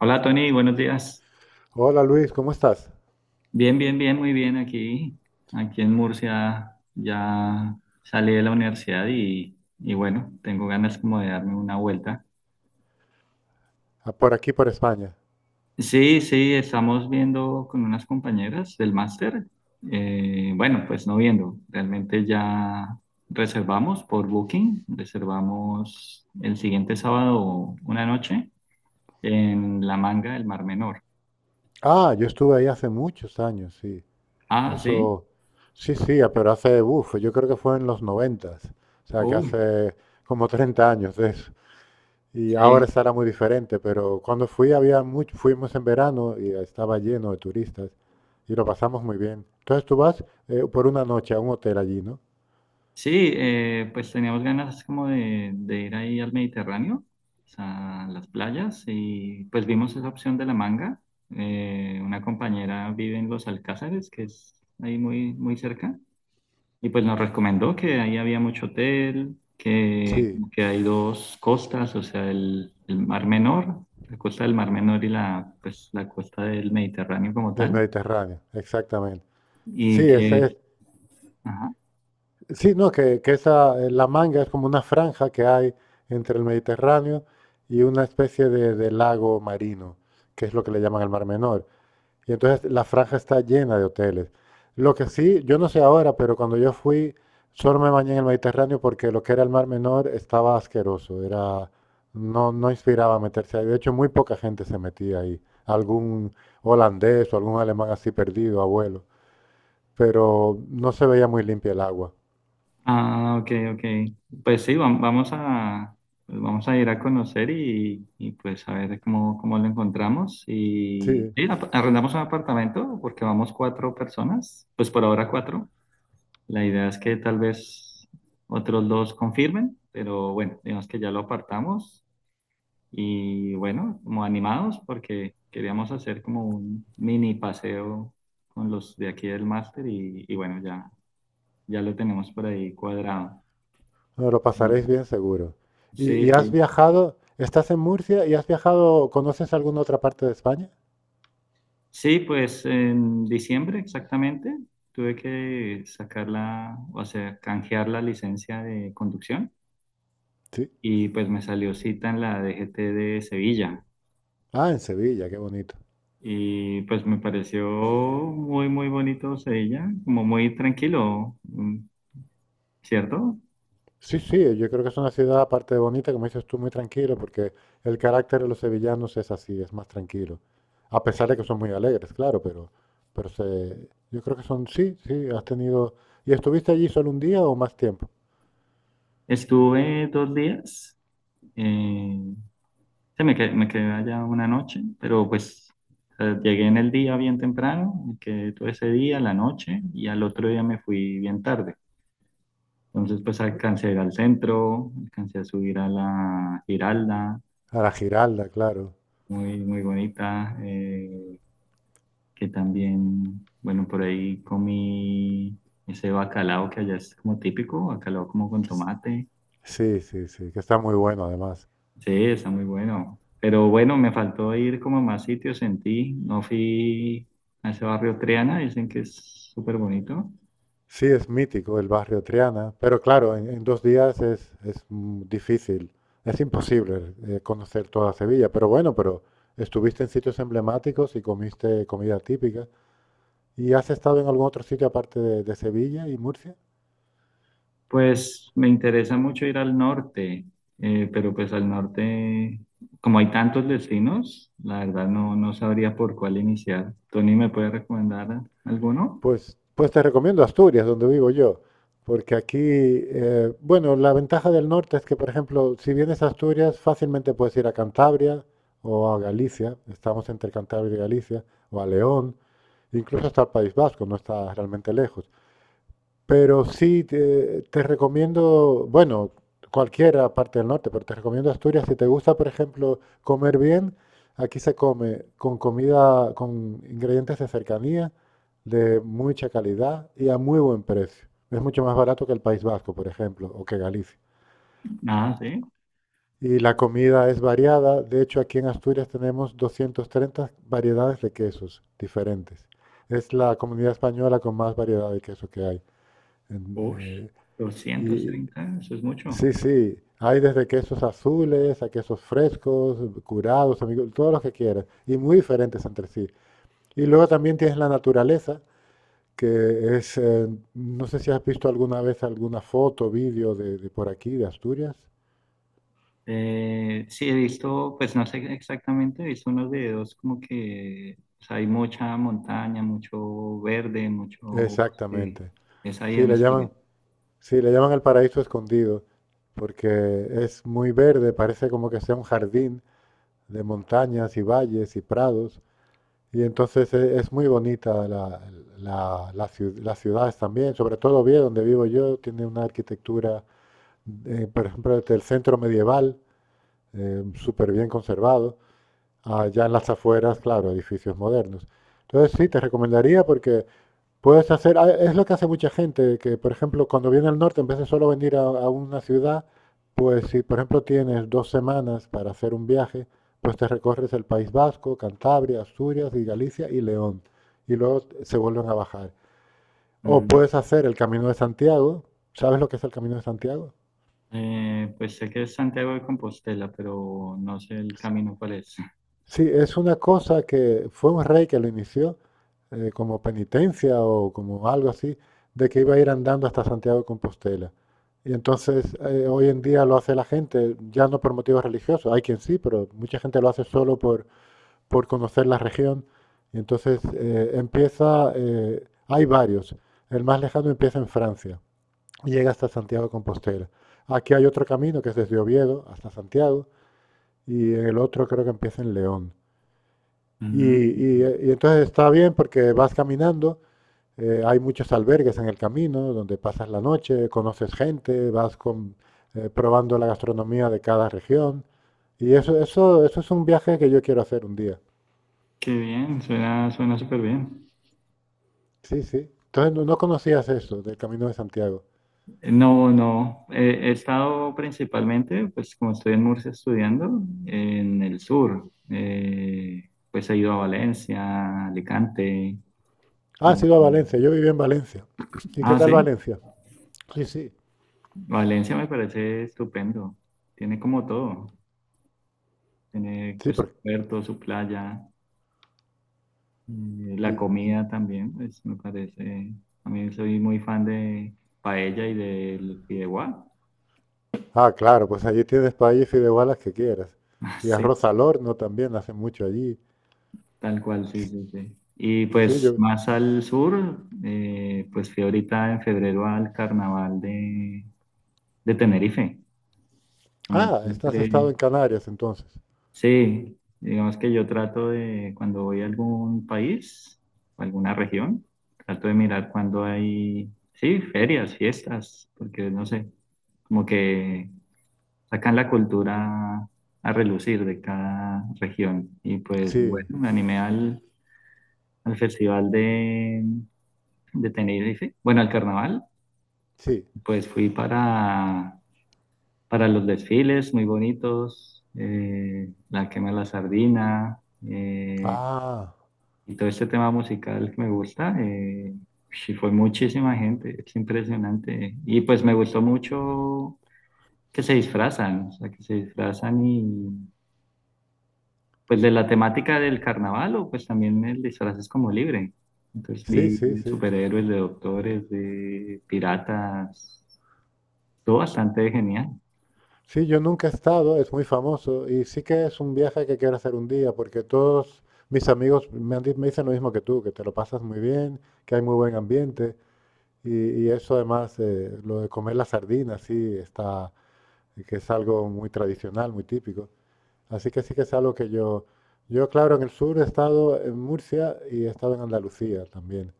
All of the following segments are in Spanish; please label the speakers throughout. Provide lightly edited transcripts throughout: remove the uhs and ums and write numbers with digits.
Speaker 1: Hola Tony, buenos días.
Speaker 2: Hola Luis, ¿cómo estás?
Speaker 1: Bien, bien, bien, muy bien aquí. Aquí en Murcia ya salí de la universidad y bueno, tengo ganas como de darme una vuelta.
Speaker 2: Ah, por aquí, por España.
Speaker 1: Sí, sí, estamos viendo con unas compañeras del máster. Bueno, pues no viendo, realmente ya reservamos por Booking, reservamos el siguiente sábado una noche en La Manga del Mar Menor.
Speaker 2: Ah, yo estuve ahí hace muchos años, sí.
Speaker 1: Ah, sí,
Speaker 2: Eso, sí, sí, ah, pero hace, uff, yo creo que fue en los 90. O sea, que
Speaker 1: uy,
Speaker 2: hace como 30 años de eso. Y ahora
Speaker 1: sí,
Speaker 2: estará muy diferente, pero cuando fui había mucho, fuimos en verano y estaba lleno de turistas y lo pasamos muy bien. Entonces tú vas por una noche a un hotel allí, ¿no?
Speaker 1: sí, pues teníamos ganas como de, ir ahí al Mediterráneo, o sea, a las playas, y pues vimos esa opción de la manga. Una compañera vive en Los Alcázares, que es ahí muy, muy cerca, y pues nos recomendó que ahí había mucho hotel, que,
Speaker 2: Sí,
Speaker 1: que hay dos costas, o sea, el Mar Menor, la costa del Mar Menor y la, pues, la costa del Mediterráneo como
Speaker 2: del
Speaker 1: tal,
Speaker 2: Mediterráneo, exactamente.
Speaker 1: y
Speaker 2: Sí, ese es.
Speaker 1: que... ajá,
Speaker 2: Sí, no, que esa, la Manga es como una franja que hay entre el Mediterráneo y una especie de lago marino, que es lo que le llaman el Mar Menor. Y entonces la franja está llena de hoteles. Lo que sí, yo no sé ahora, pero cuando yo fui, solo me bañé en el Mediterráneo porque lo que era el Mar Menor estaba asqueroso, era, no, no inspiraba meterse ahí. De hecho, muy poca gente se metía ahí. Algún holandés o algún alemán así perdido, abuelo. Pero no se veía muy limpia el agua.
Speaker 1: ah, ok, ok. Pues sí, vamos a, pues vamos a ir a conocer y pues a ver cómo lo encontramos. Y
Speaker 2: Sí.
Speaker 1: sí, arrendamos un apartamento porque vamos cuatro personas, pues por ahora cuatro. La idea es que tal vez otros dos confirmen, pero bueno, digamos que ya lo apartamos. Y bueno, como animados porque queríamos hacer como un mini paseo con los de aquí del máster y bueno, ya, ya lo tenemos por ahí cuadrado.
Speaker 2: No, lo pasaréis bien seguro. ¿Y,
Speaker 1: Sí,
Speaker 2: y has
Speaker 1: sí.
Speaker 2: viajado? ¿Estás en Murcia y has viajado? ¿Conoces alguna otra parte de España?
Speaker 1: Sí, pues en diciembre exactamente tuve que sacar la, o sea, canjear la licencia de conducción
Speaker 2: Sí.
Speaker 1: y pues me salió cita en la DGT de Sevilla
Speaker 2: Ah, en Sevilla, qué bonito.
Speaker 1: y pues me pareció muy, muy bonito Sevilla, como muy tranquilo, ¿cierto?
Speaker 2: Sí, sí, yo creo que es una ciudad, aparte de bonita, como dices tú, muy tranquilo, porque el carácter de los sevillanos es así, es más tranquilo. A pesar de que son muy alegres, claro, pero se, yo creo que son, sí, sí, has tenido. ¿Y estuviste allí solo un día o más tiempo?
Speaker 1: Estuve 2 días, eh, sí, me quedé allá una noche, pero pues llegué en el día bien temprano, me quedé todo ese día, la noche, y al otro día me fui bien tarde. Entonces pues alcancé a ir al centro, alcancé a subir a la Giralda,
Speaker 2: A la Giralda, claro.
Speaker 1: muy, muy bonita, que también, bueno, por ahí comí ese bacalao que allá es como típico, bacalao como con tomate.
Speaker 2: Sí, sí, sí, que está muy bueno además.
Speaker 1: Sí, está muy bueno. Pero bueno, me faltó ir como a más sitios en ti. No fui a ese barrio Triana, dicen que es súper bonito.
Speaker 2: Sí, es mítico el barrio Triana, pero claro, en dos días es difícil, es imposible conocer toda Sevilla, pero bueno, pero estuviste en sitios emblemáticos y comiste comida típica. ¿Y has estado en algún otro sitio aparte de Sevilla y Murcia?
Speaker 1: Pues me interesa mucho ir al norte, pero pues al norte, como hay tantos destinos, la verdad no, no sabría por cuál iniciar. ¿Tony me puede recomendar alguno?
Speaker 2: Pues te recomiendo Asturias, donde vivo yo, porque aquí, bueno, la ventaja del norte es que, por ejemplo, si vienes a Asturias, fácilmente puedes ir a Cantabria o a Galicia, estamos entre Cantabria y Galicia, o a León, incluso hasta el País Vasco, no está realmente lejos. Pero sí, te recomiendo, bueno, cualquiera parte del norte, pero te recomiendo Asturias. Si te gusta, por ejemplo, comer bien, aquí se come con comida, con ingredientes de cercanía, de mucha calidad y a muy buen precio. Es mucho más barato que el País Vasco, por ejemplo, o que Galicia.
Speaker 1: Nada, sí.
Speaker 2: Y la comida es variada. De hecho, aquí en Asturias tenemos 230 variedades de quesos diferentes. Es la comunidad española con más variedad de queso que hay. En,
Speaker 1: Uy, doscientos
Speaker 2: y
Speaker 1: treinta, eso es mucho.
Speaker 2: sí, sí. Hay desde quesos azules a quesos frescos, curados, amigos, todos los que quieras. Y muy diferentes entre sí. Y luego también tienes la naturaleza, que es, no sé si has visto alguna vez alguna foto, vídeo de por aquí, de Asturias.
Speaker 1: Sí, he visto, pues no sé exactamente, he visto unos videos como que o sea, hay mucha montaña, mucho verde, mucho bosque.
Speaker 2: Exactamente.
Speaker 1: Es ahí
Speaker 2: Sí,
Speaker 1: en
Speaker 2: le
Speaker 1: Asturias.
Speaker 2: llaman, sí, le llaman el paraíso escondido, porque es muy verde, parece como que sea un jardín de montañas y valles y prados. Y entonces es muy bonita las ciudades también, sobre todo Oviedo, donde vivo yo, tiene una arquitectura, por ejemplo, desde el centro medieval, súper bien conservado. Allá en las afueras, claro, edificios modernos. Entonces sí, te recomendaría porque puedes hacer, ah, es lo que hace mucha gente, que por ejemplo cuando viene al norte, en vez de solo venir a una ciudad, pues si por ejemplo tienes 2 semanas para hacer un viaje, pues te recorres el País Vasco, Cantabria, Asturias y Galicia y León, y luego se vuelven a bajar. O
Speaker 1: Mm.
Speaker 2: puedes hacer el Camino de Santiago. ¿Sabes lo que es el Camino de Santiago?
Speaker 1: Pues sé que es Santiago de Compostela, pero no sé el camino cuál es.
Speaker 2: Sí, es una cosa que fue un rey que lo inició como penitencia o como algo así, de que iba a ir andando hasta Santiago de Compostela. Y entonces hoy en día lo hace la gente, ya no por motivos religiosos, hay quien sí, pero mucha gente lo hace solo por conocer la región. Y entonces empieza, hay varios, el más lejano empieza en Francia y llega hasta Santiago de Compostela. Aquí hay otro camino que es desde Oviedo hasta Santiago y el otro creo que empieza en León. Y,
Speaker 1: Mm.
Speaker 2: y, y entonces está bien porque vas caminando, hay muchos albergues en el camino donde pasas la noche, conoces gente, vas con, probando la gastronomía de cada región. Y eso es un viaje que yo quiero hacer un día.
Speaker 1: Qué bien, suena, suena súper bien.
Speaker 2: Sí, sí. Entonces no, no conocías eso del Camino de Santiago.
Speaker 1: No, no, he estado principalmente, pues como estoy en Murcia estudiando, en el sur. Pues he ido a Valencia, Alicante.
Speaker 2: Ah, has
Speaker 1: Eh,
Speaker 2: ido a Valencia. Yo viví en Valencia. ¿Y qué
Speaker 1: ah,
Speaker 2: tal
Speaker 1: sí,
Speaker 2: Valencia? Sí, sí.
Speaker 1: Valencia me parece estupendo. Tiene como todo. Tiene
Speaker 2: Sí,
Speaker 1: pues su
Speaker 2: porque...
Speaker 1: puerto, su playa, eh, la
Speaker 2: y-
Speaker 1: comida también, pues me parece. A mí soy muy fan de paella y del fideuá.
Speaker 2: ah, claro, pues allí tienes país y de igualas que quieras. Y
Speaker 1: Sí,
Speaker 2: arroz al horno también hacen mucho allí.
Speaker 1: tal cual, sí, sí, sí. Y
Speaker 2: Sí,
Speaker 1: pues
Speaker 2: yo,
Speaker 1: más al sur, pues fui ahorita en febrero al carnaval de, Tenerife. A mí
Speaker 2: Ah, estás estado
Speaker 1: siempre,
Speaker 2: en Canarias entonces.
Speaker 1: sí, digamos que yo trato de, cuando voy a algún país, o alguna región, trato de mirar cuando hay, sí, ferias, fiestas, porque no sé, como que sacan la cultura a relucir de cada región. Y pues
Speaker 2: Sí,
Speaker 1: bueno, me animé al festival de, Tenerife, bueno, al carnaval,
Speaker 2: sí.
Speaker 1: pues fui para los desfiles muy bonitos, la quema de la sardina. eh,
Speaker 2: Ah,
Speaker 1: Y todo este tema musical que me gusta, sí fue muchísima gente, es impresionante. Y pues me gustó mucho que se disfrazan, o sea, que se disfrazan y pues de la temática del carnaval o pues también el disfraz es como libre. Entonces
Speaker 2: sí,
Speaker 1: vi
Speaker 2: sí,
Speaker 1: de
Speaker 2: sí.
Speaker 1: superhéroes, de doctores, de piratas, todo bastante genial.
Speaker 2: Sí, yo nunca he estado, es muy famoso y sí que es un viaje que quiero hacer un día porque todos mis amigos me dicen lo mismo que tú, que te lo pasas muy bien, que hay muy buen ambiente y eso además, lo de comer las sardinas, sí, está, que es algo muy tradicional, muy típico. Así que sí que es algo que yo claro, en el sur he estado en Murcia y he estado en Andalucía también.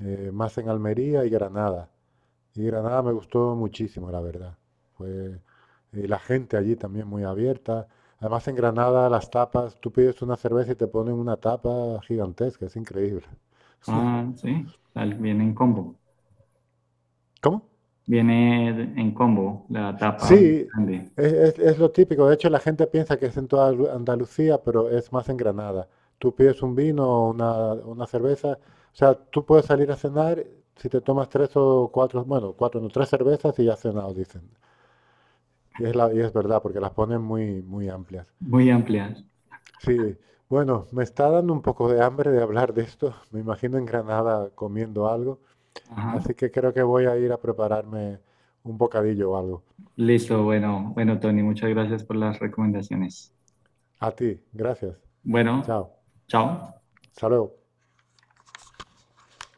Speaker 2: Más en Almería y Granada. Y Granada me gustó muchísimo, la verdad. Fue, y la gente allí también muy abierta. Además, en Granada las tapas, tú pides una cerveza y te ponen una tapa gigantesca, es increíble.
Speaker 1: Ah, sí, viene en combo.
Speaker 2: ¿Cómo?
Speaker 1: Viene en combo, la tapa bien
Speaker 2: Sí,
Speaker 1: grande,
Speaker 2: es lo típico. De hecho, la gente piensa que es en toda Andalucía, pero es más en Granada. Tú pides un vino o una cerveza. O sea, tú puedes salir a cenar si te tomas tres o cuatro, bueno, cuatro, no, tres cervezas y ya has cenado, dicen. Y es verdad, porque las ponen muy, muy amplias.
Speaker 1: muy amplia.
Speaker 2: Sí, bueno, me está dando un poco de hambre de hablar de esto. Me imagino en Granada comiendo algo,
Speaker 1: Ajá.
Speaker 2: así que creo que voy a ir a prepararme un bocadillo o algo.
Speaker 1: Listo, bueno, bueno, Tony, muchas gracias por las recomendaciones.
Speaker 2: A ti, gracias.
Speaker 1: Bueno,
Speaker 2: Chao.
Speaker 1: chao.
Speaker 2: Hasta luego.